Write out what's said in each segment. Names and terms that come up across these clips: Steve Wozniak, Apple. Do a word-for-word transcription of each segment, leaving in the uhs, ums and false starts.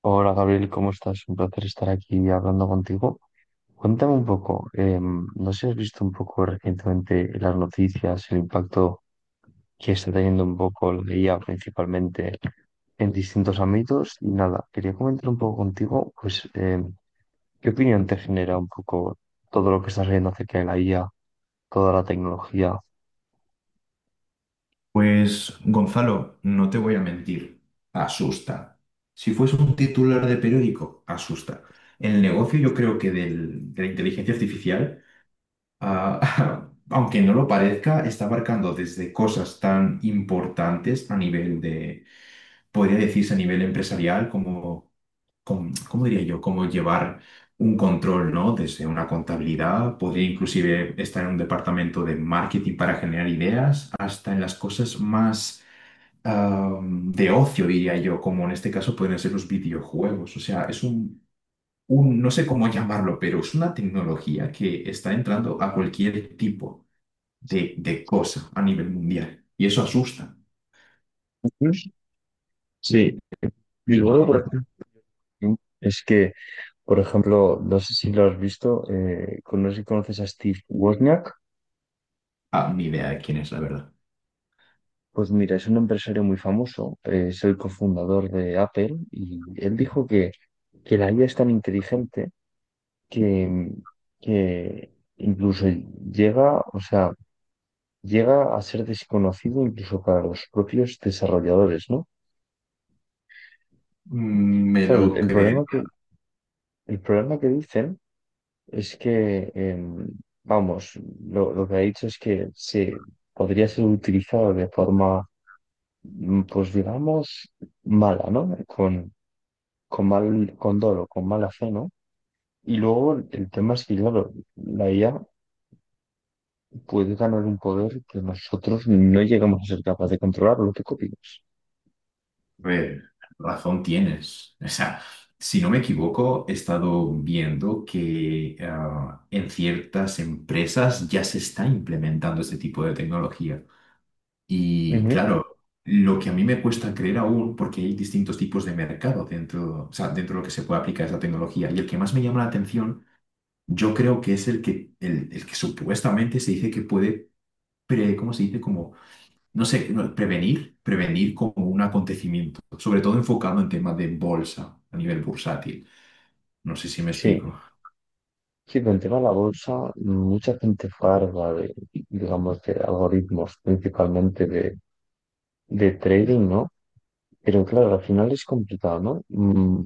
Hola Gabriel, ¿cómo estás? Un placer estar aquí hablando contigo. Cuéntame un poco, eh, no sé si has visto un poco recientemente en las noticias, el impacto que está teniendo un poco la I A principalmente en distintos ámbitos y nada, quería comentar un poco contigo, pues, eh, ¿qué opinión te genera un poco todo lo que estás viendo acerca de la I A, toda la tecnología? Pues, Gonzalo, no te voy a mentir, asusta. Si fuese un titular de periódico, asusta. El negocio, yo creo que del- de la inteligencia artificial, ah, aunque no lo parezca, está abarcando desde cosas tan importantes a nivel de, podría decirse a nivel empresarial, como, com- ¿cómo diría yo? Como llevar un control, ¿no? Desde una contabilidad, podría inclusive estar en un departamento de marketing para generar ideas, hasta en las cosas más am, de ocio, diría yo, como en este caso pueden ser los videojuegos. O sea, es un, un- no sé cómo llamarlo, pero es una tecnología que está entrando a cualquier tipo de, de cosa a nivel mundial. Y eso asusta. Sí, y luego, por ejemplo, es que Por ejemplo, no sé si lo has visto, eh, con- no sé si conoces a Steve Wozniak. Ah, ni idea de quién es, la verdad. Pues mira, es un empresario muy famoso, eh, es el cofundador de Apple y él dijo que, que la I A es tan inteligente que, que incluso llega, o sea, llega a ser desconocido incluso para los propios desarrolladores, ¿no? Mm, me Claro, el, lo el problema creeré. que, el problema que dicen es que, em, vamos, lo, lo que ha dicho es que se podría ser utilizado de forma, mm, pues digamos, mala, ¿no? Con, con mal, con dolo, con mala fe, ¿no? Y luego el tema es que, claro, la I A puede ganar un poder que nosotros no llegamos a ser capaces de controlar, lo que copiamos. A ver, razón tienes. O sea, si no me equivoco, he estado viendo que ah, en ciertas empresas ya se está implementando este tipo de tecnología. Y claro, lo que a mí me cuesta creer aún, porque hay distintos tipos de mercado dentro, o sea, dentro de lo que se puede aplicar esa tecnología, y el que más me llama la atención, yo creo que es el que, el, el que supuestamente se dice que puede, pre, ¿cómo se dice? Como, no sé, no, prevenir, prevenir como un acontecimiento, sobre todo enfocado en temas de bolsa, a nivel bursátil. No sé si me explico. Sí, sí, pero el tema de la bolsa, mucha gente farda de, digamos, de algoritmos, principalmente de, de trading, ¿no? Pero claro, al final es complicado, ¿no? Mm,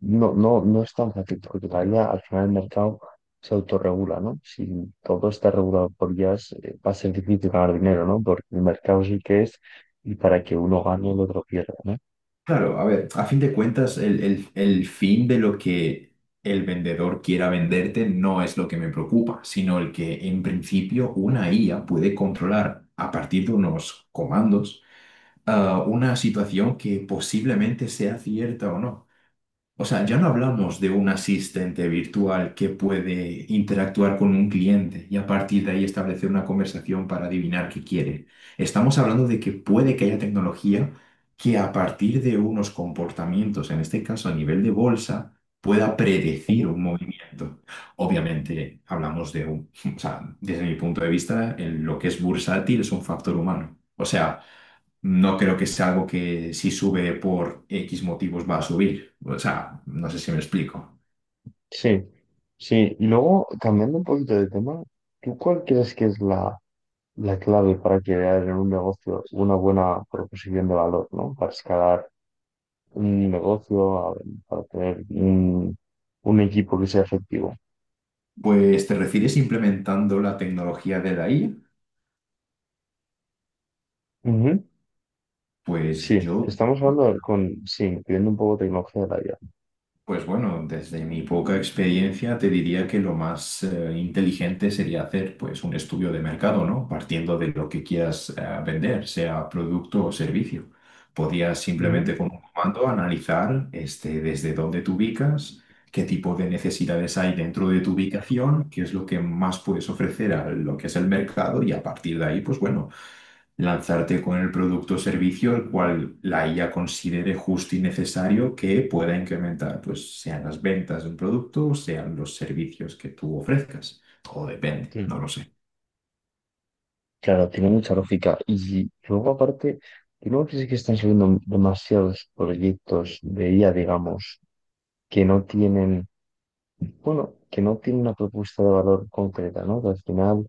No, no, no es tan fácil, porque todavía al final el mercado se autorregula, ¿no? Si todo está regulado por I As, eh, va a ser difícil ganar dinero, ¿no? Porque el mercado sí que es, y para que uno gane, el otro pierda, ¿no? Claro, a ver, a fin de cuentas, el, el- el fin de lo que el vendedor quiera venderte no es lo que me preocupa, sino el que en principio una I A puede controlar a partir de unos comandos, ah, una situación que posiblemente sea cierta o no. O sea, ya no hablamos de un asistente virtual que puede interactuar con un cliente y a partir de ahí establecer una conversación para adivinar qué quiere. Estamos hablando de que puede que haya tecnología que a partir de unos comportamientos, en este caso a nivel de bolsa, pueda predecir un movimiento. Obviamente, hablamos de un, o sea, desde mi punto de vista, en lo que es bursátil es un factor humano. O sea, no creo que sea algo que si sube por X motivos va a subir. O sea, no sé si me explico. Sí, sí. Luego, cambiando un poquito de tema, ¿tú cuál crees que es la, la clave para crear en un negocio una buena proposición de valor, ¿no? Para escalar un negocio, a- para tener un, un equipo que sea efectivo. Pues te refieres implementando la tecnología de la I A. Ujú. Pues Sí, yo, estamos hablando con, sí, incluyendo un poco tecnología de la I A. pues bueno, desde mi poca experiencia te diría que lo más eh, inteligente sería hacer pues un estudio de mercado, ¿no? Partiendo de lo que quieras eh, vender, sea producto o servicio. Podías Ujú. simplemente con un comando analizar este, desde dónde te ubicas, qué tipo de necesidades hay dentro de tu ubicación, qué es lo que más puedes ofrecer a lo que es el mercado y a partir de ahí, pues bueno, lanzarte con el producto o servicio el cual la I A considere justo y necesario que pueda incrementar, pues sean las ventas de un producto o sean los servicios que tú ofrezcas. Todo depende, Sí. no lo sé. Claro, tiene mucha lógica. Y luego, aparte, ¿tú no crees que están saliendo demasiados proyectos de I A, digamos, que no tienen Bueno, que no tiene una propuesta de valor concreta, ¿no? Que al final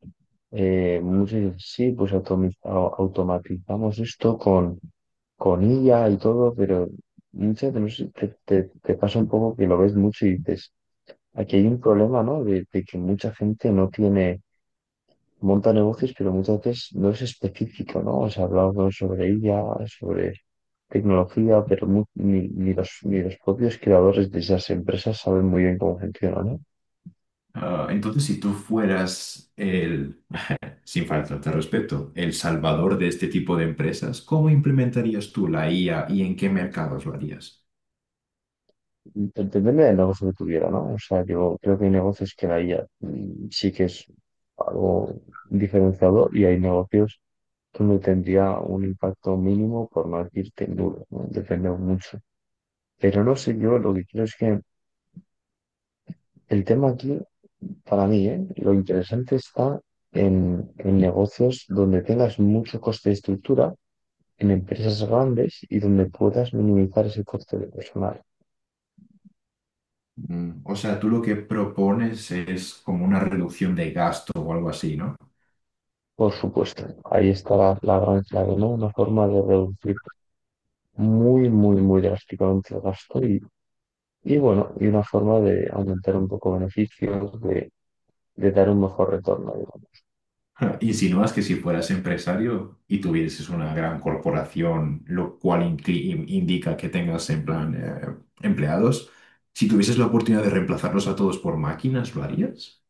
eh, muchos dicen, sí, pues automi- au- automatizamos esto con, con I A y todo, pero muchas veces te, te, te pasa un poco que lo ves mucho y dices, aquí hay un problema, ¿no? De, de que mucha gente no tiene, monta negocios, pero muchas veces no es específico, ¿no? O sea, hablamos sobre I A, sobre tecnología, pero mu- ni, ni los, ni los propios creadores de esas empresas saben muy bien cómo funciona, ¿no? Ah, entonces, si tú fueras el, sin faltarte al respeto, el salvador de este tipo de empresas, ¿cómo implementarías tú la I A y en qué mercados lo harías? Pues depende del negocio que tuviera, ¿no? O sea, yo creo que hay negocios que la I A, mm, sí que es algo diferenciador y hay negocios donde tendría un impacto mínimo, por no decirte nulo, ¿no? Depende mucho. Pero no sé, yo lo que creo es que el tema aquí, para mí, ¿eh? Lo interesante está en, en negocios donde tengas mucho coste de estructura, en empresas grandes y donde puedas minimizar ese coste de personal. Mm, o sea, tú lo que propones es como una reducción de gasto o algo así, ¿no? Por supuesto, ahí está la, la gran clave, ¿no? Una forma de reducir muy, muy, muy drásticamente el gasto y, y bueno, y una forma de aumentar un poco beneficios, de, de dar un mejor retorno, digamos. Ja, insinúas que si fueras empresario y tuvieses una gran corporación, lo cual incli- indica que tengas en plan eh, empleados, si tuvieses la oportunidad de reemplazarlos a todos por máquinas, ¿lo harías?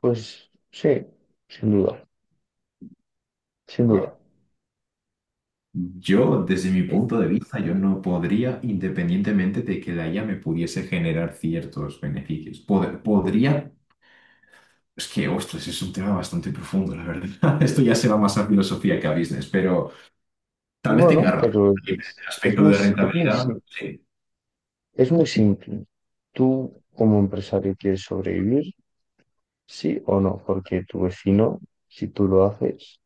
Pues sí, sin duda, sin duda. Wow. Yo, desde mi Eh, punto de vista, yo no podría, independientemente de que la I A me pudiese generar ciertos beneficios. Pod- podría, es que, ostras, es un tema bastante profundo, la verdad. Esto ya se va más a filosofía que a business, pero tal vez bueno, tenga razón. pero En el es, es aspecto muy, de si- es muy, rentabilidad, si- sí. es muy simple. Tú, como empresario, quieres sobrevivir, sí o no, porque tu vecino, si tú lo haces,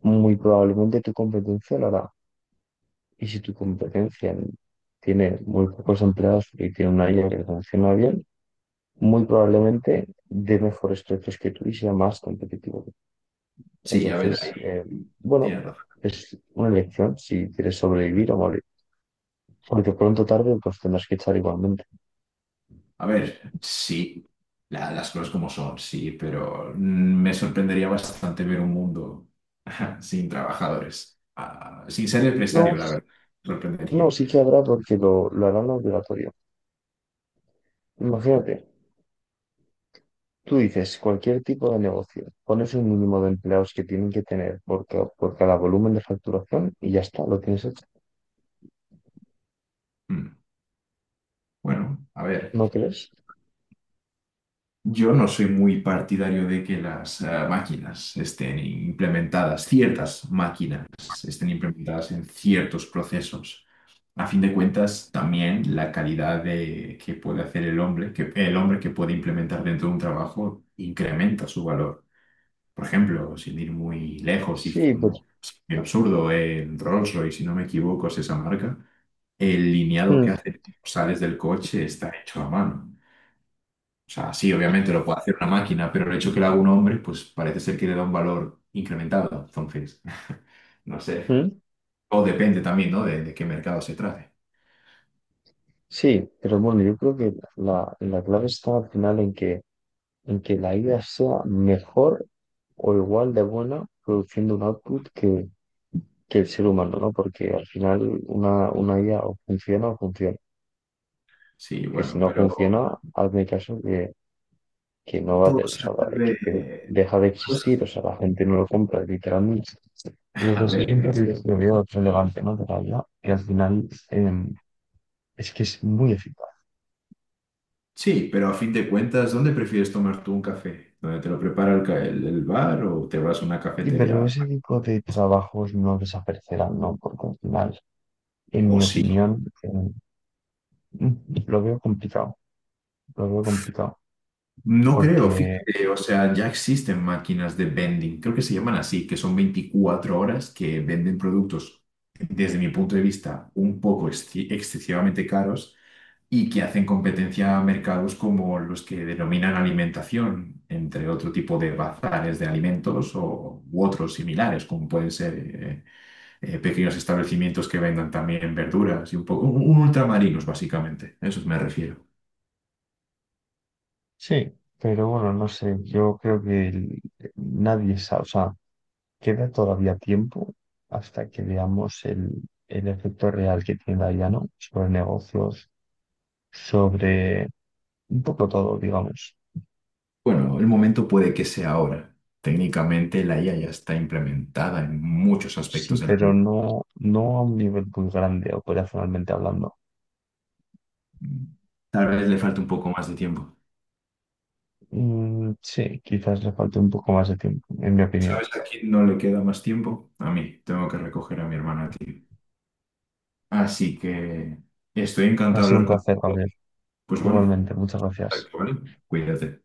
muy probablemente tu competencia lo hará. Y si tu competencia tiene muy pocos empleados y tiene una I A que funciona bien, muy probablemente dé mejores precios que tú y sea más competitivo. Sí, a ver, Entonces, ahí eh, bueno, tienes razón. es una elección si quieres sobrevivir o morir. Porque pronto o tarde pues tendrás que echar igualmente. A ver, sí, la- las cosas como son, sí, pero mm, me sorprendería bastante ver un mundo sin trabajadores, ah, sin ser No, empresario, la s- verdad. Me no, sorprendería. sí que habrá porque lo, lo harán obligatorio. Imagínate, tú dices cualquier tipo de negocio, pones un mínimo de empleados que tienen que tener por, ca- por cada volumen de facturación y ya está, lo tienes hecho. Mm, bueno, a ver. ¿No crees? Yo no soy muy partidario de que las eh, máquinas estén implementadas, ciertas máquinas estén implementadas en ciertos procesos. A fin de cuentas, también la calidad de que puede hacer el hombre, que el hombre que puede implementar dentro de un trabajo incrementa su valor. Por ejemplo, sin ir muy lejos y Sí, con un pero, ejemplo absurdo, en Rolls-Royce, si no me equivoco, es esa marca, el lineado que mm, hace cuando sales del coche está hecho a mano. O sea, sí, obviamente lo puede hacer una máquina, pero el hecho que lo haga un hombre, pues parece ser que le da un valor incrementado. Entonces, no sé. mm, O depende también, ¿no? De, de qué mercado se trate. sí, pero bueno, yo creo que la, la clave está al final en que, en que la idea sea mejor o igual de buena produciendo un output que, que el ser humano, ¿no? Porque al final una, una I A o funciona o funciona. Sí, Que si bueno, no pero funciona, hazme caso que, que no va a todo tener, o se sea, que, que vuelve... deja de todo se- existir, o sea, la gente no lo compra, literalmente. A Entonces, sí, ver, es lo veo otro elegante, ¿no? De la I A, que al final em, es que es muy eficaz. sí, pero a fin de cuentas, ¿dónde prefieres tomar tú un café? ¿Dónde te lo prepara el, ca- el- el bar o te vas a una Y pero cafetería? ese tipo de trabajos no desaparecerán, ¿no? Porque al final, en O mi sí, opinión, eh, lo veo complicado, lo veo complicado. no creo, Porque fíjate, o sea, ya existen máquinas de vending, creo que se llaman así, que son veinticuatro horas que venden productos, desde mi punto de vista, un poco exci- excesivamente caros y que hacen competencia a mercados como los que denominan alimentación, entre otro tipo de bazares de alimentos o, u otros similares, como pueden ser eh, eh, pequeños establecimientos que vendan también verduras y un poco, un- un ultramarinos, básicamente, a eso me refiero. sí, pero bueno, no sé, yo creo que el- nadie sabe, o sea, queda todavía tiempo hasta que veamos el, el efecto real que tiene la I A, ¿no? Sobre negocios, sobre un poco todo, digamos. Bueno, el momento puede que sea ahora. Técnicamente la I A ya está implementada en muchos Sí, aspectos de la pero vida. no, no a un nivel muy grande operacionalmente hablando. Tal vez le falta un poco más de tiempo. Mm, sí, quizás le falte un poco más de tiempo, en mi opinión. ¿Sabes a quién no le queda más tiempo? A mí. Tengo que recoger a mi hermana, tío. Así que estoy Ha encantado de sido un hablar placer, contigo. Gabriel. Pues bueno, Igualmente, muchas gracias. contacto, ¿vale? Cuídate.